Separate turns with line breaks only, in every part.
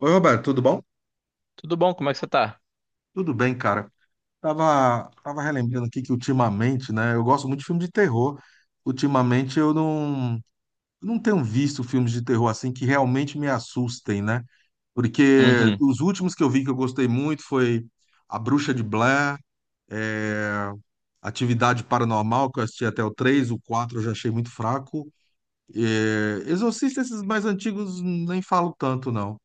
Oi, Roberto, tudo bom?
Tudo bom? Como é que você tá?
Tudo bem, cara. Tava relembrando aqui que ultimamente, né? Eu gosto muito de filme de terror. Ultimamente eu não, não tenho visto filmes de terror assim que realmente me assustem, né? Porque
Uhum.
os últimos que eu vi que eu gostei muito foi A Bruxa de Blair, é, Atividade Paranormal, que eu assisti até o 3, o 4 eu já achei muito fraco. É, Exorcista, esses mais antigos, nem falo tanto, não.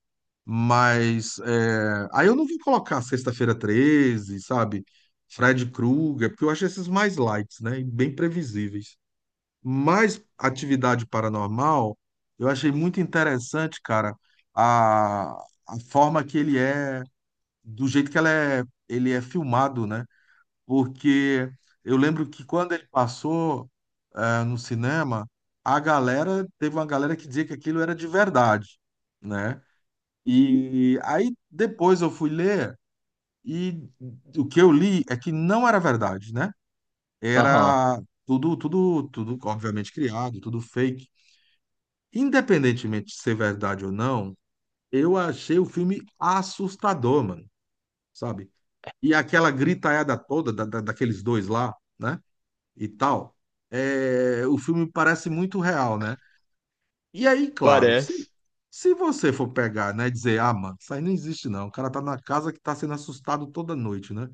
Mas é, aí eu não vou colocar Sexta-feira treze, sabe? Fred Krueger, porque eu acho esses mais lights, né? E bem previsíveis. Mas Atividade Paranormal, eu achei muito interessante, cara, a, a forma que ele é, do jeito que ela é, ele é filmado, né? Porque eu lembro que quando ele passou, no cinema, a galera, teve uma galera que dizia que aquilo era de verdade, né? E aí depois eu fui ler e o que eu li é que não era verdade, né?
Aham.
Era tudo, obviamente criado, tudo fake. Independentemente de ser verdade ou não, eu achei o filme assustador, mano, sabe? E aquela gritaiada toda daqueles dois lá, né? E tal, o filme parece muito real, né? E aí, claro,
Parece.
se você for pegar, né, dizer, ah, mano, isso aí não existe não, o cara tá na casa que tá sendo assustado toda noite, né?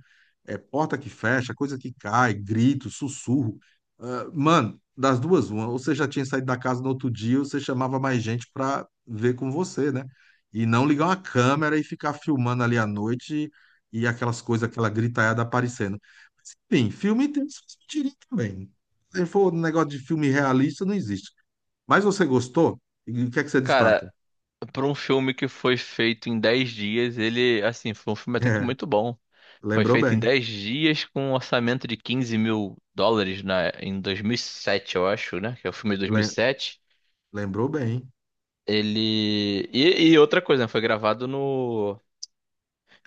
É porta que fecha, coisa que cai, grito, sussurro. Ah, mano, das duas, uma, ou você já tinha saído da casa no outro dia, ou você chamava mais gente pra ver com você, né? E não ligar uma câmera e ficar filmando ali à noite e aquelas coisas, aquela gritaiada aparecendo. Mas, enfim, filme tem suas mentirinhas também. Se for um negócio de filme realista, não existe. Mas você gostou? E o que é que você
Cara,
destaca?
pra um filme que foi feito em 10 dias, ele, assim, foi um filme até que
É,
muito bom. Foi
lembrou
feito em
bem.
10 dias com um orçamento de 15 mil dólares em 2007 eu acho, né? Que é o filme de
Lem-
2007.
lembrou bem.
Ele. E outra coisa, né? Foi gravado no.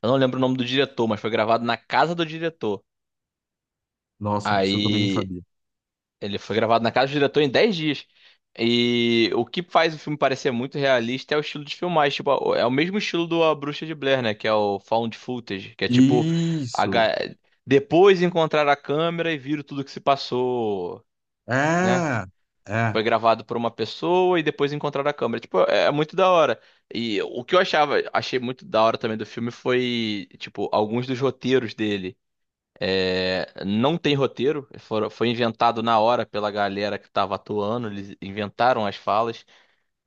Eu não lembro o nome do diretor, mas foi gravado na casa do diretor.
Nossa, isso eu também não
Aí.
sabia.
Ele foi gravado na casa do diretor em 10 dias. E o que faz o filme parecer muito realista é o estilo de filmagem. Tipo, é o mesmo estilo do A Bruxa de Blair, né? Que é o found footage, que é tipo a
Isso!
ga- depois encontrar a câmera e viram tudo que se passou, né?
É, é,
Foi gravado por uma pessoa e depois encontrar a câmera. Tipo, é muito da hora. E o que eu achei muito da hora também do filme foi, tipo, alguns dos roteiros dele. É, não tem roteiro, foi inventado na hora pela galera que estava atuando, eles inventaram as falas.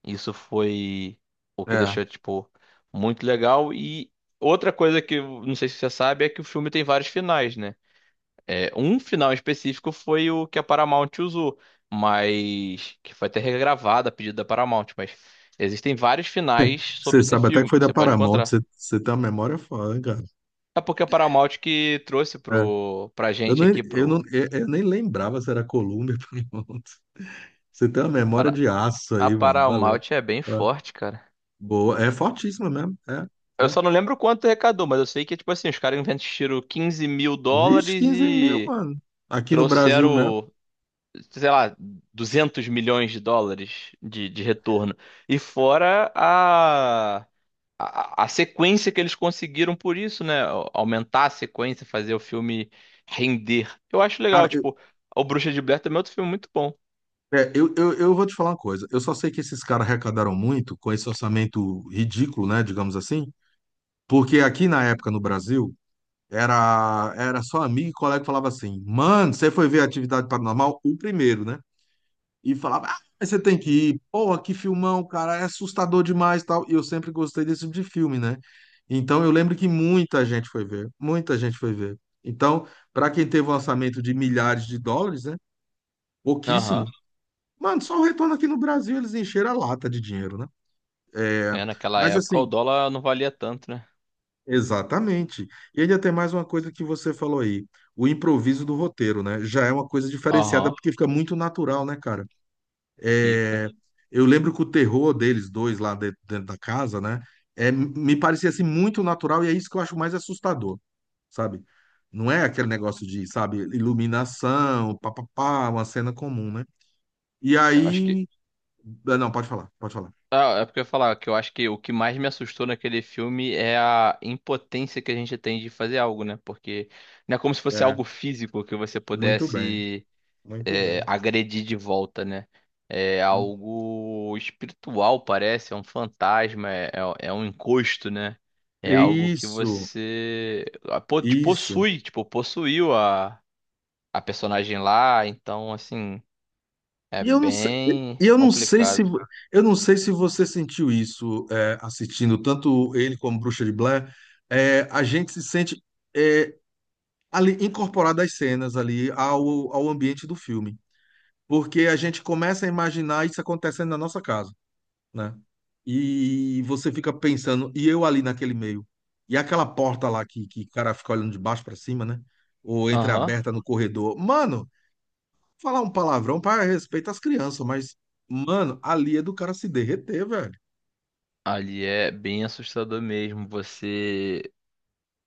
Isso foi o que
é.
deixou, tipo, muito legal. E outra coisa que eu não sei se você sabe é que o filme tem vários finais, né? É, um final específico foi o que a Paramount usou, mas que foi até regravado a pedido da Paramount, mas existem vários finais sobre
Você
esse
sabe até que
filme que
foi da
você pode
Paramount,
encontrar.
você tem uma memória foda, cara.
É porque a Paramount que trouxe
É.
pra
Eu,
gente
nem,
aqui,
eu, não, eu nem lembrava se era Columbia ou Paramount. Você tem uma memória
para,
de aço
a
aí, mano. Valeu.
Paramount é bem
É.
forte, cara.
Boa. É fortíssima mesmo. É,
Eu
é.
só não lembro quanto arrecadou, mas eu sei que, tipo assim, os caras investiram 15 mil
Vixe,
dólares
15 mil,
e
mano. Aqui no Brasil mesmo.
trouxeram, sei lá, 200 milhões de dólares de retorno. E fora a sequência que eles conseguiram por isso, né? Aumentar a sequência, fazer o filme render. Eu acho legal,
Cara,
tipo, O Bruxa de Blair também é outro filme muito bom.
Eu vou te falar uma coisa. Eu só sei que esses caras arrecadaram muito com esse orçamento ridículo, né? Digamos assim. Porque aqui na época no Brasil, era só amigo e colega que falava assim: Mano, você foi ver a Atividade Paranormal? O primeiro, né? E falava: Ah, mas você tem que ir. Porra, que filmão, cara. É assustador demais e tal. E eu sempre gostei desse tipo de filme, né? Então eu lembro que muita gente foi ver. Muita gente foi ver. Então, para quem teve um orçamento de milhares de dólares, né? Pouquíssimo.
Aham.
Mano, só o retorno aqui no Brasil eles encheram a lata de dinheiro, né? É,
É, naquela
mas
época o
assim,
dólar não valia tanto, né?
exatamente. E ainda tem mais uma coisa que você falou aí, o improviso do roteiro, né? Já é uma coisa diferenciada
Aham.
porque fica muito natural, né, cara?
Fica.
É, eu lembro que o terror deles dois lá dentro da casa, né? É, me parecia assim muito natural e é isso que eu acho mais assustador, sabe? Não é aquele negócio de, sabe, iluminação, papapá, uma cena comum, né? E
Eu acho que.
aí, não, pode falar, pode falar.
Ah, é porque eu ia falar que eu acho que o que mais me assustou naquele filme é a impotência que a gente tem de fazer algo, né? Porque não é como se fosse
É,
algo físico que você
muito bem,
pudesse
muito bem.
agredir de volta, né? É algo espiritual, parece, é um fantasma, é um encosto, né? É algo que
Isso,
você te
isso.
possui, tipo, possuiu a personagem lá, então, assim, é
E eu não sei,
bem
e eu não sei se
complicado.
eu não sei se você sentiu isso assistindo tanto ele como Bruxa de Blair. É, a gente se sente é, ali incorporado às cenas ali ao ambiente do filme, porque a gente começa a imaginar isso acontecendo na nossa casa, né? E você fica pensando, e eu ali naquele meio? E aquela porta lá que o cara fica olhando de baixo para cima, né? Ou
Aham.
entreaberta no corredor. Mano, falar um palavrão para respeito às crianças, mas, mano, ali é do cara se derreter, velho.
Ali é bem assustador mesmo. Você.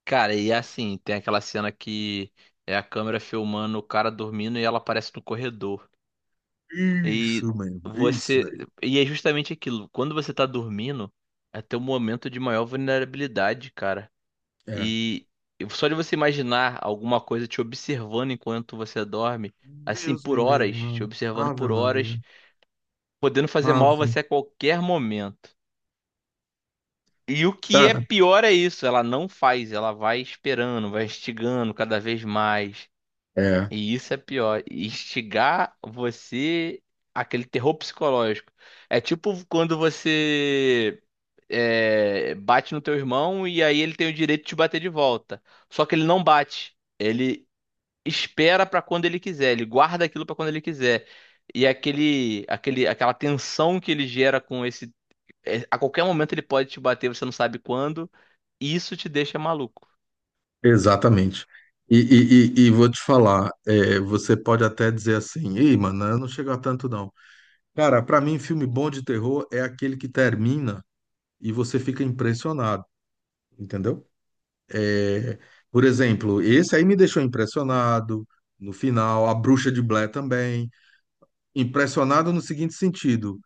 Cara, e assim, tem aquela cena que é a câmera filmando o cara dormindo e ela aparece no corredor. E
Isso mesmo, isso
você.
daí.
E é justamente aquilo. Quando você tá dormindo, é teu momento de maior vulnerabilidade, cara.
É.
E só de você imaginar alguma coisa te observando enquanto você dorme, assim,
Deus me
por
livre,
horas, te
mano.
observando
Ave
por horas,
Maria.
podendo fazer mal a
Ave.
você a qualquer momento. E o que é
Cara,
pior é isso, ela não faz, ela vai esperando, vai instigando cada vez mais.
é,
E isso é pior, instigar você aquele terror psicológico. É tipo quando você bate no teu irmão e aí ele tem o direito de te bater de volta. Só que ele não bate, ele espera pra quando ele quiser, ele guarda aquilo pra quando ele quiser. E aquela tensão que ele gera com esse, a qualquer momento ele pode te bater, você não sabe quando. Isso te deixa maluco.
exatamente. E vou te falar, você pode até dizer assim, ei, mano, eu não chego a tanto não. Cara, pra mim, filme bom de terror é aquele que termina e você fica impressionado, entendeu? É, por exemplo, esse aí me deixou impressionado no final, A Bruxa de Blair também. Impressionado no seguinte sentido,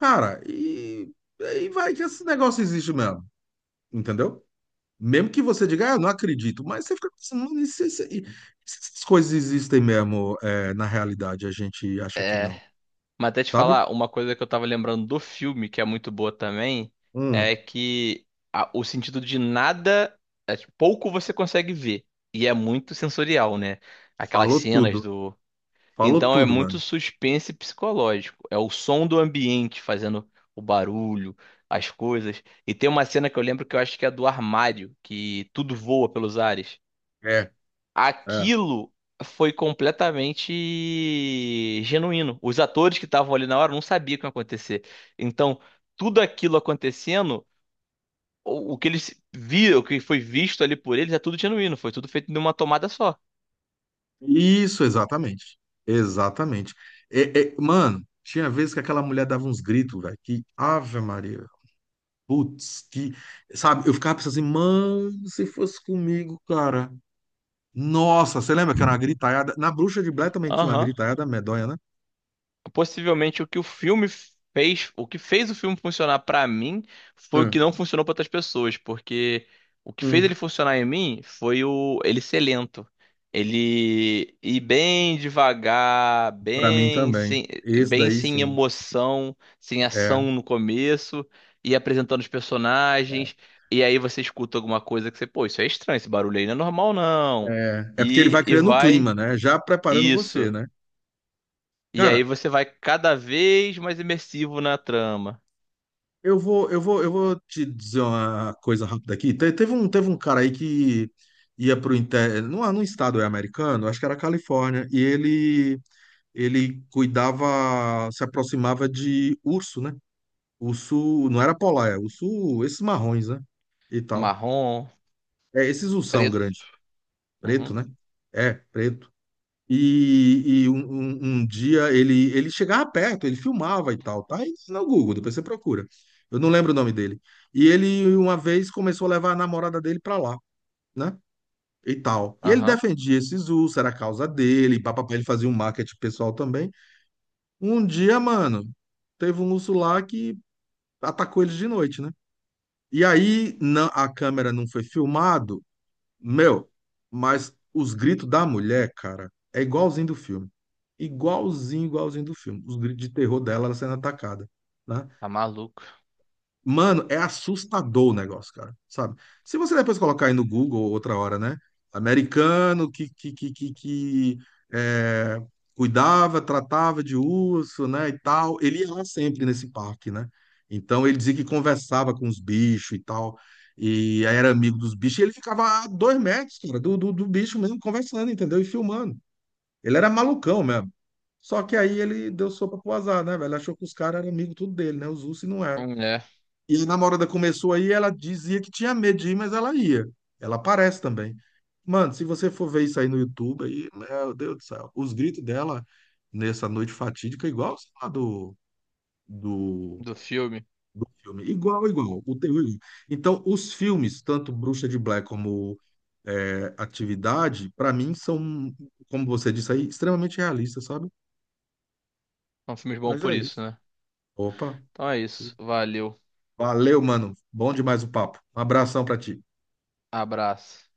cara, e vai que esse negócio existe mesmo, entendeu? Mesmo que você diga, ah, eu não acredito, mas você fica pensando, "Mano, e se essas coisas existem mesmo, é, na realidade, a gente acha que não,
Mas até te
sabe?
falar, uma coisa que eu tava lembrando do filme, que é muito boa também,
Hum,
é que o sentido de nada, tipo, pouco você consegue ver. E é muito sensorial, né? Aquelas
falou
cenas
tudo,
do.
falou
Então é
tudo,
muito
mano.
suspense psicológico. É o som do ambiente fazendo o barulho, as coisas. E tem uma cena que eu lembro que eu acho que é do armário, que tudo voa pelos ares.
É. É.
Aquilo foi completamente genuíno. Os atores que estavam ali na hora não sabiam o que ia acontecer. Então, tudo aquilo acontecendo, o que eles viram, o que foi visto ali por eles, é tudo genuíno. Foi tudo feito numa tomada só.
Isso, exatamente. Exatamente. É, mano, tinha vezes que aquela mulher dava uns gritos, velho, que Ave Maria, putz, que, sabe, eu ficava pensando assim, mano, se fosse comigo, cara. Nossa, você lembra que era uma gritaiada? Na Bruxa de Blair também tinha uma
Aham.
gritaiada medonha, né?
Possivelmente o que o filme fez, o que fez o filme funcionar pra mim foi o que
Hum,
não funcionou pra outras pessoas, porque o que fez
hum.
ele funcionar em mim foi o ele ser lento. Ele ir bem devagar,
Pra mim
bem
também.
sem,
Esse
bem
daí,
sem
sim.
emoção, sem
É,
ação no começo, e apresentando os personagens, e aí você escuta alguma coisa que você, pô, isso é estranho, esse barulho aí não é normal não.
é. É porque ele
E,
vai
e
criando o
vai
clima, né? Já preparando você,
isso.
né?
E aí
Cara,
você vai cada vez mais imersivo na trama.
Eu vou te dizer uma coisa rápida aqui. Teve um cara aí que ia pro inter, num estado americano, acho que era Califórnia, e ele cuidava, se aproximava de urso, né? Urso, não era polar, é urso, esses marrons, né? E tal.
Marrom,
É, esses ursão
preto.
grande, preto,
Uhum.
né? É, preto. Um dia ele, ele chegava perto, ele filmava e tal, tá? Isso no Google, depois você procura. Eu não lembro o nome dele. E ele uma vez começou a levar a namorada dele pra lá, né? E tal. E ele
Aham.
defendia esse Zul, era a causa dele, papapá, ele fazia um marketing pessoal também. Um dia, mano, teve um urso lá que atacou eles de noite, né? E aí não, a câmera não foi filmada meu, mas os gritos da mulher, cara, é igualzinho do filme. Igualzinho, igualzinho do filme. Os gritos de terror dela, ela sendo atacada, né?
Tá maluco.
Mano, é assustador o negócio, cara, sabe? Se você depois colocar aí no Google outra hora, né? Americano que, é, cuidava, tratava de urso, né, e tal. Ele ia lá sempre nesse parque, né? Então ele dizia que conversava com os bichos e tal, e aí era amigo dos bichos, e ele ficava a 2 metros, cara, do bicho mesmo, conversando, entendeu? E filmando. Ele era malucão mesmo. Só que aí ele deu sopa pro azar, né, velho? Achou que os caras eram amigos tudo dele, né? Os ursos e não eram.
É,
E a namorada começou aí, ela dizia que tinha medo de ir, mas ela ia. Ela aparece também. Mano, se você for ver isso aí no YouTube, aí, meu Deus do céu, os gritos dela nessa noite fatídica, igual sei lá, do,
do filme.
do filme. Igual, igual. O terror. Então, os filmes, tanto Bruxa de Blair como Atividade, pra mim são, como você disse aí, extremamente realistas, sabe?
São filmes bons
Mas
por
é
isso,
isso.
né?
Opa.
Então é isso. Valeu.
Valeu, mano. Bom demais o papo. Um abração pra ti.
Abraço.